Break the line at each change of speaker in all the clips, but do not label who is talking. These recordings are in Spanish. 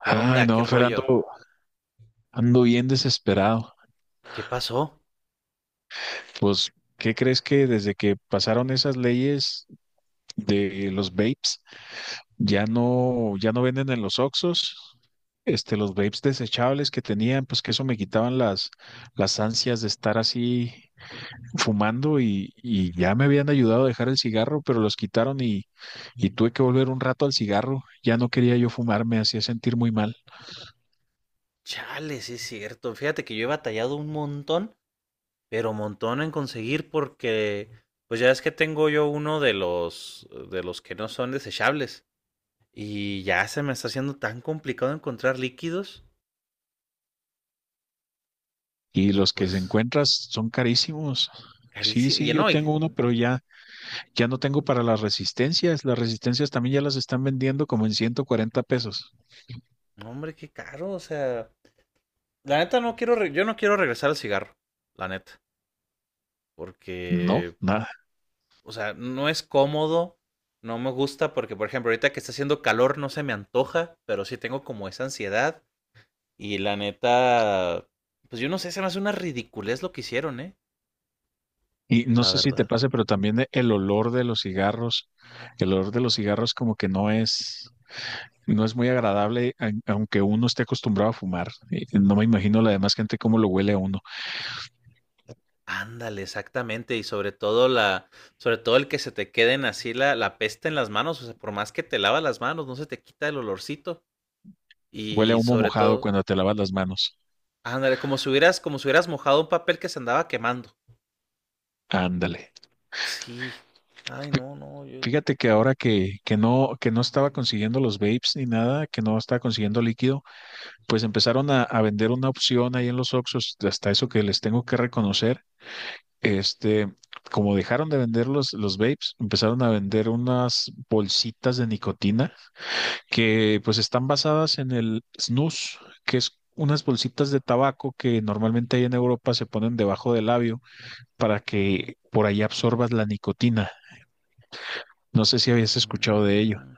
¿Qué
Ay,
onda? ¿Qué
no, Fernando,
rollo?
ando bien desesperado.
¿Qué pasó?
Pues, ¿qué crees que desde que pasaron esas leyes de los vapes, ya no, ya no venden en los Oxxos? Este, los vapes desechables que tenían, pues que eso me quitaban las ansias de estar así fumando y ya me habían ayudado a dejar el cigarro, pero los quitaron y tuve que volver un rato al cigarro. Ya no quería yo fumar, me hacía sentir muy mal.
Chale, sí es cierto. Fíjate que yo he batallado un montón, pero montón en conseguir pues ya es que tengo yo uno de los que no son desechables. Y ya se me está haciendo tan complicado encontrar líquidos
Y
y
los que se
pues
encuentras son carísimos. Sí,
carísimo.
sí, yo tengo uno, pero ya no tengo para las resistencias. Las resistencias también ya las están vendiendo como en 140 pesos.
No, hombre, qué caro. O sea, la neta yo no quiero regresar al cigarro, la neta,
No,
porque
nada.
o sea, no es cómodo, no me gusta porque, por ejemplo, ahorita que está haciendo calor no se me antoja, pero sí tengo como esa ansiedad y la neta, pues yo no sé, se me hace una ridiculez lo que hicieron, ¿eh?
Y no
La
sé si te
verdad.
pase, pero también el olor de los cigarros, el olor de los cigarros como que no es muy agradable, aunque uno esté acostumbrado a fumar. Y no me imagino la demás gente cómo lo huele a uno.
Ándale, exactamente, y sobre todo el que se te queden así la peste en las manos, o sea, por más que te lavas las manos, no se te quita el olorcito.
Huele a
Y
humo
sobre
mojado
todo,
cuando te lavas las manos.
ándale, como si hubieras mojado un papel que se andaba quemando.
Ándale.
Sí. Ay, no, no, yo.
Fíjate que ahora que no estaba consiguiendo los vapes ni nada, que no estaba consiguiendo líquido, pues empezaron a vender una opción ahí en los Oxxos, hasta eso que les tengo que reconocer. Este, como dejaron de vender los vapes, empezaron a vender unas bolsitas de nicotina que pues están basadas en el snus, que es unas bolsitas de tabaco que normalmente ahí en Europa se ponen debajo del labio para que por ahí absorbas la nicotina. No sé si habías escuchado de ello.
Mm.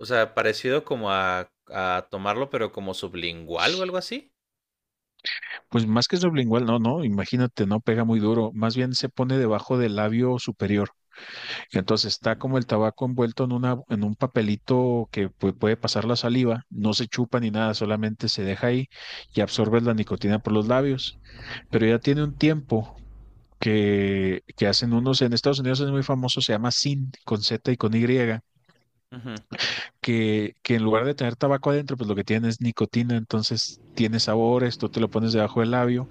O sea, parecido como a tomarlo, pero como sublingual o algo así.
Pues más que sublingual, no, no, imagínate, no pega muy duro, más bien se pone debajo del labio superior. Entonces está como
Mm.
el tabaco envuelto en una, en un papelito que puede pasar la saliva, no se chupa ni nada, solamente se deja ahí y absorbes la nicotina por los labios. Pero ya tiene un tiempo que hacen unos. En Estados Unidos es muy famoso, se llama sin con Z y con Y,
Ujú.
que en lugar de tener tabaco adentro, pues lo que tiene es nicotina, entonces tiene sabores, tú te lo pones debajo del labio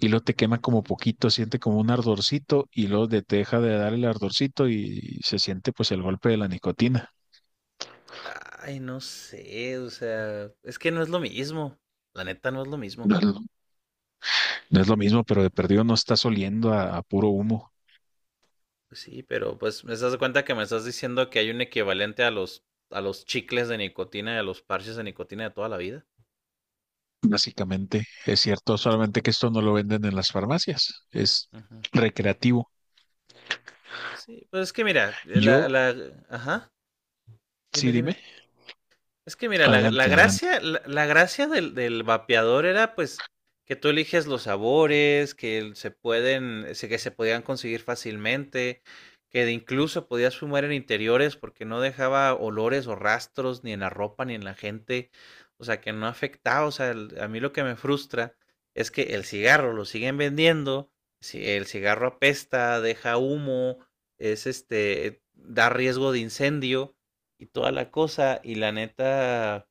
y luego te quema como poquito, siente como un ardorcito y luego te deja de dar el ardorcito y se siente pues el golpe de la nicotina.
Ay, no sé, o sea, es que no es lo mismo. La neta no es lo mismo.
No es lo, no es lo mismo, pero de perdido no estás oliendo a puro humo,
Pues sí, pero pues me estás de cuenta que me estás diciendo que hay un equivalente a los chicles de nicotina y a los parches de nicotina de toda la vida.
básicamente. Es cierto, solamente que esto no lo venden en las farmacias, es
Ujú.
recreativo.
Sí, pues es que mira,
Yo,
ajá,
sí, dime,
dime. Es que mira,
adelante, adelante.
la gracia del vapeador era pues que tú eliges los sabores, que se podían conseguir fácilmente, que de incluso podías fumar en interiores porque no dejaba olores o rastros ni en la ropa ni en la gente, o sea, que no afectaba, o sea, el- a mí lo que me frustra es que el cigarro lo siguen vendiendo, si el cigarro apesta, deja humo, es este, da riesgo de incendio y toda la cosa. Y la neta,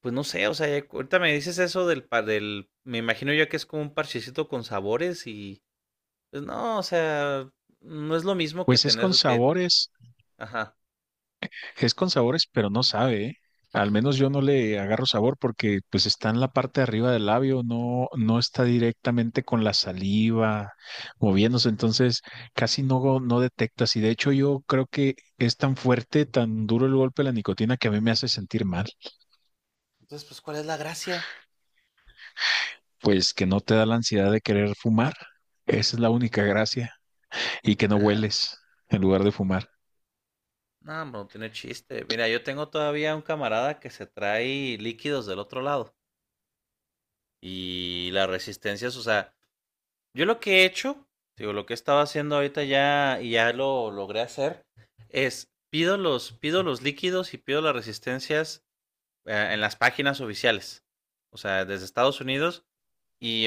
pues no sé, o sea, ya- ahorita me dices eso del, pa- del, me imagino yo que es como un parchecito con sabores y, pues no, o sea, no es lo mismo que
Pues es con
tener que,
sabores.
ajá.
Es con sabores, pero no sabe, ¿eh? Al menos yo no le agarro sabor porque pues está en la parte de arriba del labio, no, no está directamente con la saliva moviéndose, entonces casi no, no detectas. Y de hecho yo creo que es tan fuerte, tan duro el golpe de la nicotina que a mí me hace sentir mal,
Entonces, pues, ¿cuál es la gracia?
pues que no te da la ansiedad de querer fumar. Esa es la única gracia. Y que no
Nah,
hueles en lugar de fumar.
bro, no tiene chiste. Mira, yo tengo todavía un camarada que se trae líquidos del otro lado y las resistencias, o sea, yo lo que he hecho, digo, lo que he estado haciendo ahorita ya y ya lo logré hacer, es pido los líquidos y pido las resistencias en las páginas oficiales. O sea, desde Estados Unidos. Y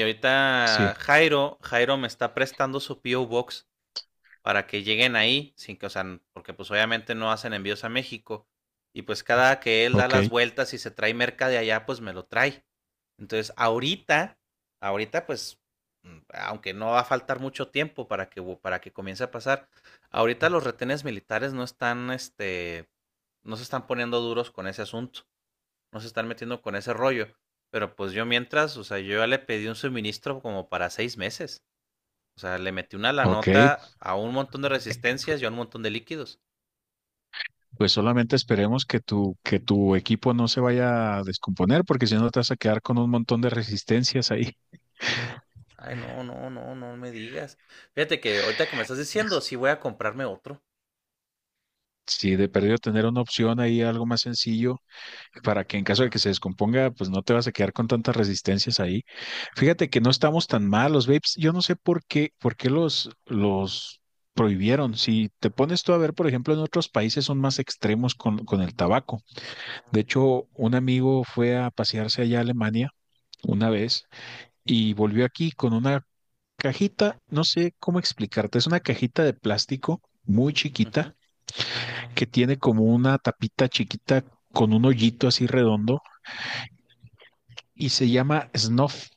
Sí,
ahorita Jairo me está prestando su PO Box para que lleguen ahí, sin que, o sea, porque pues obviamente no hacen envíos a México. Y pues cada que él da
ok,
las vueltas y se trae merca de allá, pues me lo trae. Entonces, ahorita, ahorita pues, aunque no va a faltar mucho tiempo para que comience a pasar, ahorita los retenes militares no están, este, no se están poniendo duros con ese asunto, no se están metiendo con ese rollo. Pero pues yo mientras, o sea, yo ya le pedí un suministro como para seis meses. O sea, le metí una la
ok,
nota a un montón de resistencias y a un montón de líquidos.
pues solamente esperemos que tu equipo no se vaya a descomponer, porque si no te vas a quedar con un montón de resistencias ahí.
Ay, no, no, no, no me digas. Fíjate que ahorita que me estás diciendo, sí voy a comprarme otro.
Si de perdido tener una opción ahí, algo más sencillo, para que en caso de que
Ajá.
se descomponga, pues no te vas a quedar con tantas resistencias ahí. Fíjate que no estamos tan mal, los vapes. Yo no sé por qué los prohibieron. Si te pones tú a ver, por ejemplo, en otros países son más extremos con el tabaco. De hecho, un amigo fue a pasearse allá a Alemania una vez y volvió aquí con una cajita, no sé cómo explicarte, es una cajita de plástico muy
Ujú.
chiquita que tiene como una tapita chiquita con un hoyito así redondo y se llama snuff.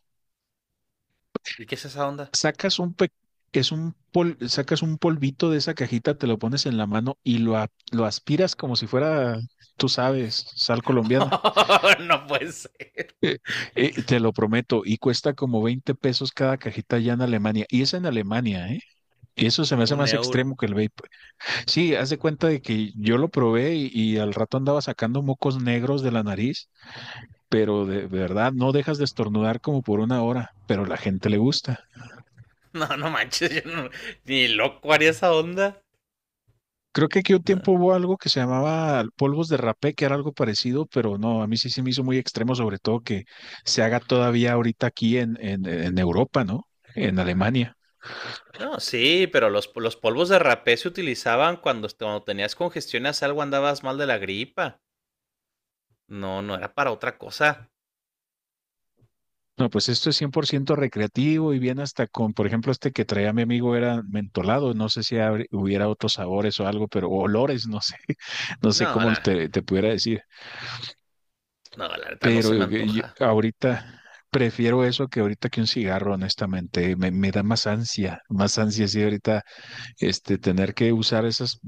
¿Y qué es esa onda?
Sacas un pe- Sacas un polvito de esa cajita, te lo pones en la mano y lo, lo aspiras como si fuera, tú sabes, sal colombiana.
No puede ser.
Te lo prometo, y cuesta como 20 pesos cada cajita allá en Alemania. Y es en Alemania, ¿eh? Eso se me hace
Un
más
euro.
extremo que el vape. Sí, haz de cuenta de que yo lo probé y al rato andaba sacando mocos negros de la nariz, pero de verdad no dejas de estornudar como por una hora, pero a la gente le gusta.
No, no manches, yo no- ni loco haría esa onda.
Creo que aquí un
No.
tiempo hubo algo que se llamaba polvos de rapé, que era algo parecido, pero no, a mí sí se me hizo muy extremo, sobre todo que se haga todavía ahorita aquí en Europa, ¿no? En
Ajá.
Alemania.
No, sí, pero los polvos de rapé se utilizaban cuando, est- cuando tenías congestiones, algo andabas mal de la gripa. No, no era para otra cosa.
No, pues esto es 100% recreativo y bien hasta con, por ejemplo, este que traía mi amigo era mentolado, no sé si hubiera otros sabores o algo, pero o olores, no sé, no
No,
sé cómo
la,
te pudiera decir,
no, la verdad no se
pero
me
yo
antoja.
ahorita prefiero eso que ahorita que un cigarro, honestamente, me da más ansia, sí, ahorita, este, tener que usar esas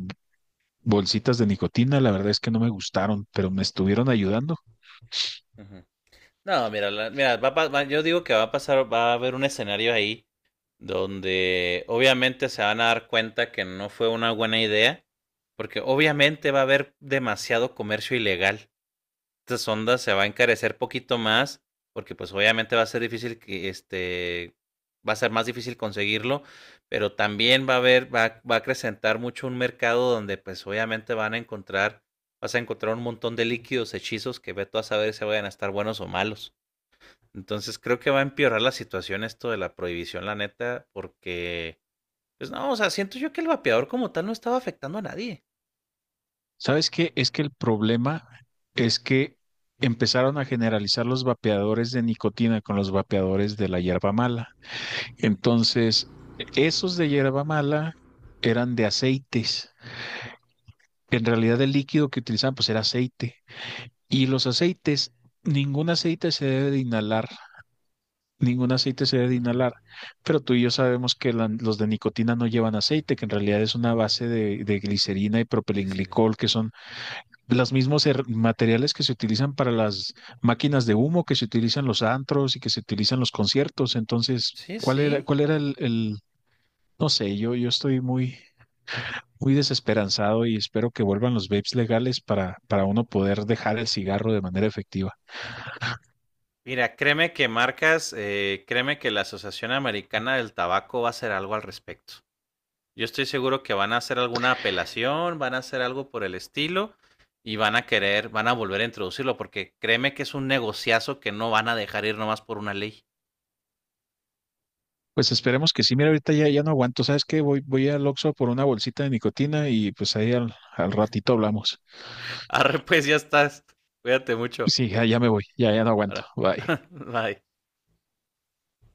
bolsitas de nicotina, la verdad es que no me gustaron, pero me estuvieron ayudando.
Ujú. No, mira, mira, va a pa- va- yo digo que va a pasar, va a haber un escenario ahí donde obviamente se van a dar cuenta que no fue una buena idea, porque obviamente va a haber demasiado comercio ilegal. Estas ondas se va a encarecer poquito más, porque pues obviamente va a ser difícil que este, va a ser más difícil conseguirlo, pero también va a haber, va a acrecentar mucho un mercado donde pues obviamente van a encontrar, vas a encontrar un montón de líquidos, hechizos que ve tú a saber si vayan a estar buenos o malos. Entonces creo que va a empeorar la situación esto de la prohibición, la neta, porque, pues no, o sea, siento yo que el vapeador como tal no estaba afectando a nadie.
¿Sabes qué? Es que el problema es que empezaron a generalizar los vapeadores de nicotina con los vapeadores de la hierba mala. Entonces, esos de hierba mala eran de aceites. En realidad el líquido que utilizaban pues era aceite. Y los aceites, ningún aceite se debe de inhalar, ningún aceite se debe de
Ajá,
inhalar. Pero tú y yo sabemos que los de nicotina no llevan aceite, que en realidad es una base de glicerina y
glicerina.
propilenglicol, que son los mismos materiales que se utilizan para las máquinas de humo, que se utilizan los antros y que se utilizan los conciertos. Entonces,
Sí, sí.
¿cuál era el, no sé, yo estoy muy, muy desesperanzado y espero que vuelvan los vapes legales para uno poder dejar el cigarro de manera efectiva.
Mira, créeme que la Asociación Americana del Tabaco va a hacer algo al respecto. Yo estoy seguro que van a hacer alguna apelación, van a hacer algo por el estilo y van a volver a introducirlo porque créeme que es un negociazo que no van a dejar ir nomás por una ley.
Pues esperemos que sí. Mira, ahorita ya no aguanto. ¿Sabes qué? Voy, voy al Oxxo por una bolsita de nicotina y pues ahí al ratito hablamos.
Arre, pues ya estás. Cuídate mucho.
Sí, ya me voy. Ya no aguanto.
Ahora.
Bye.
Bye.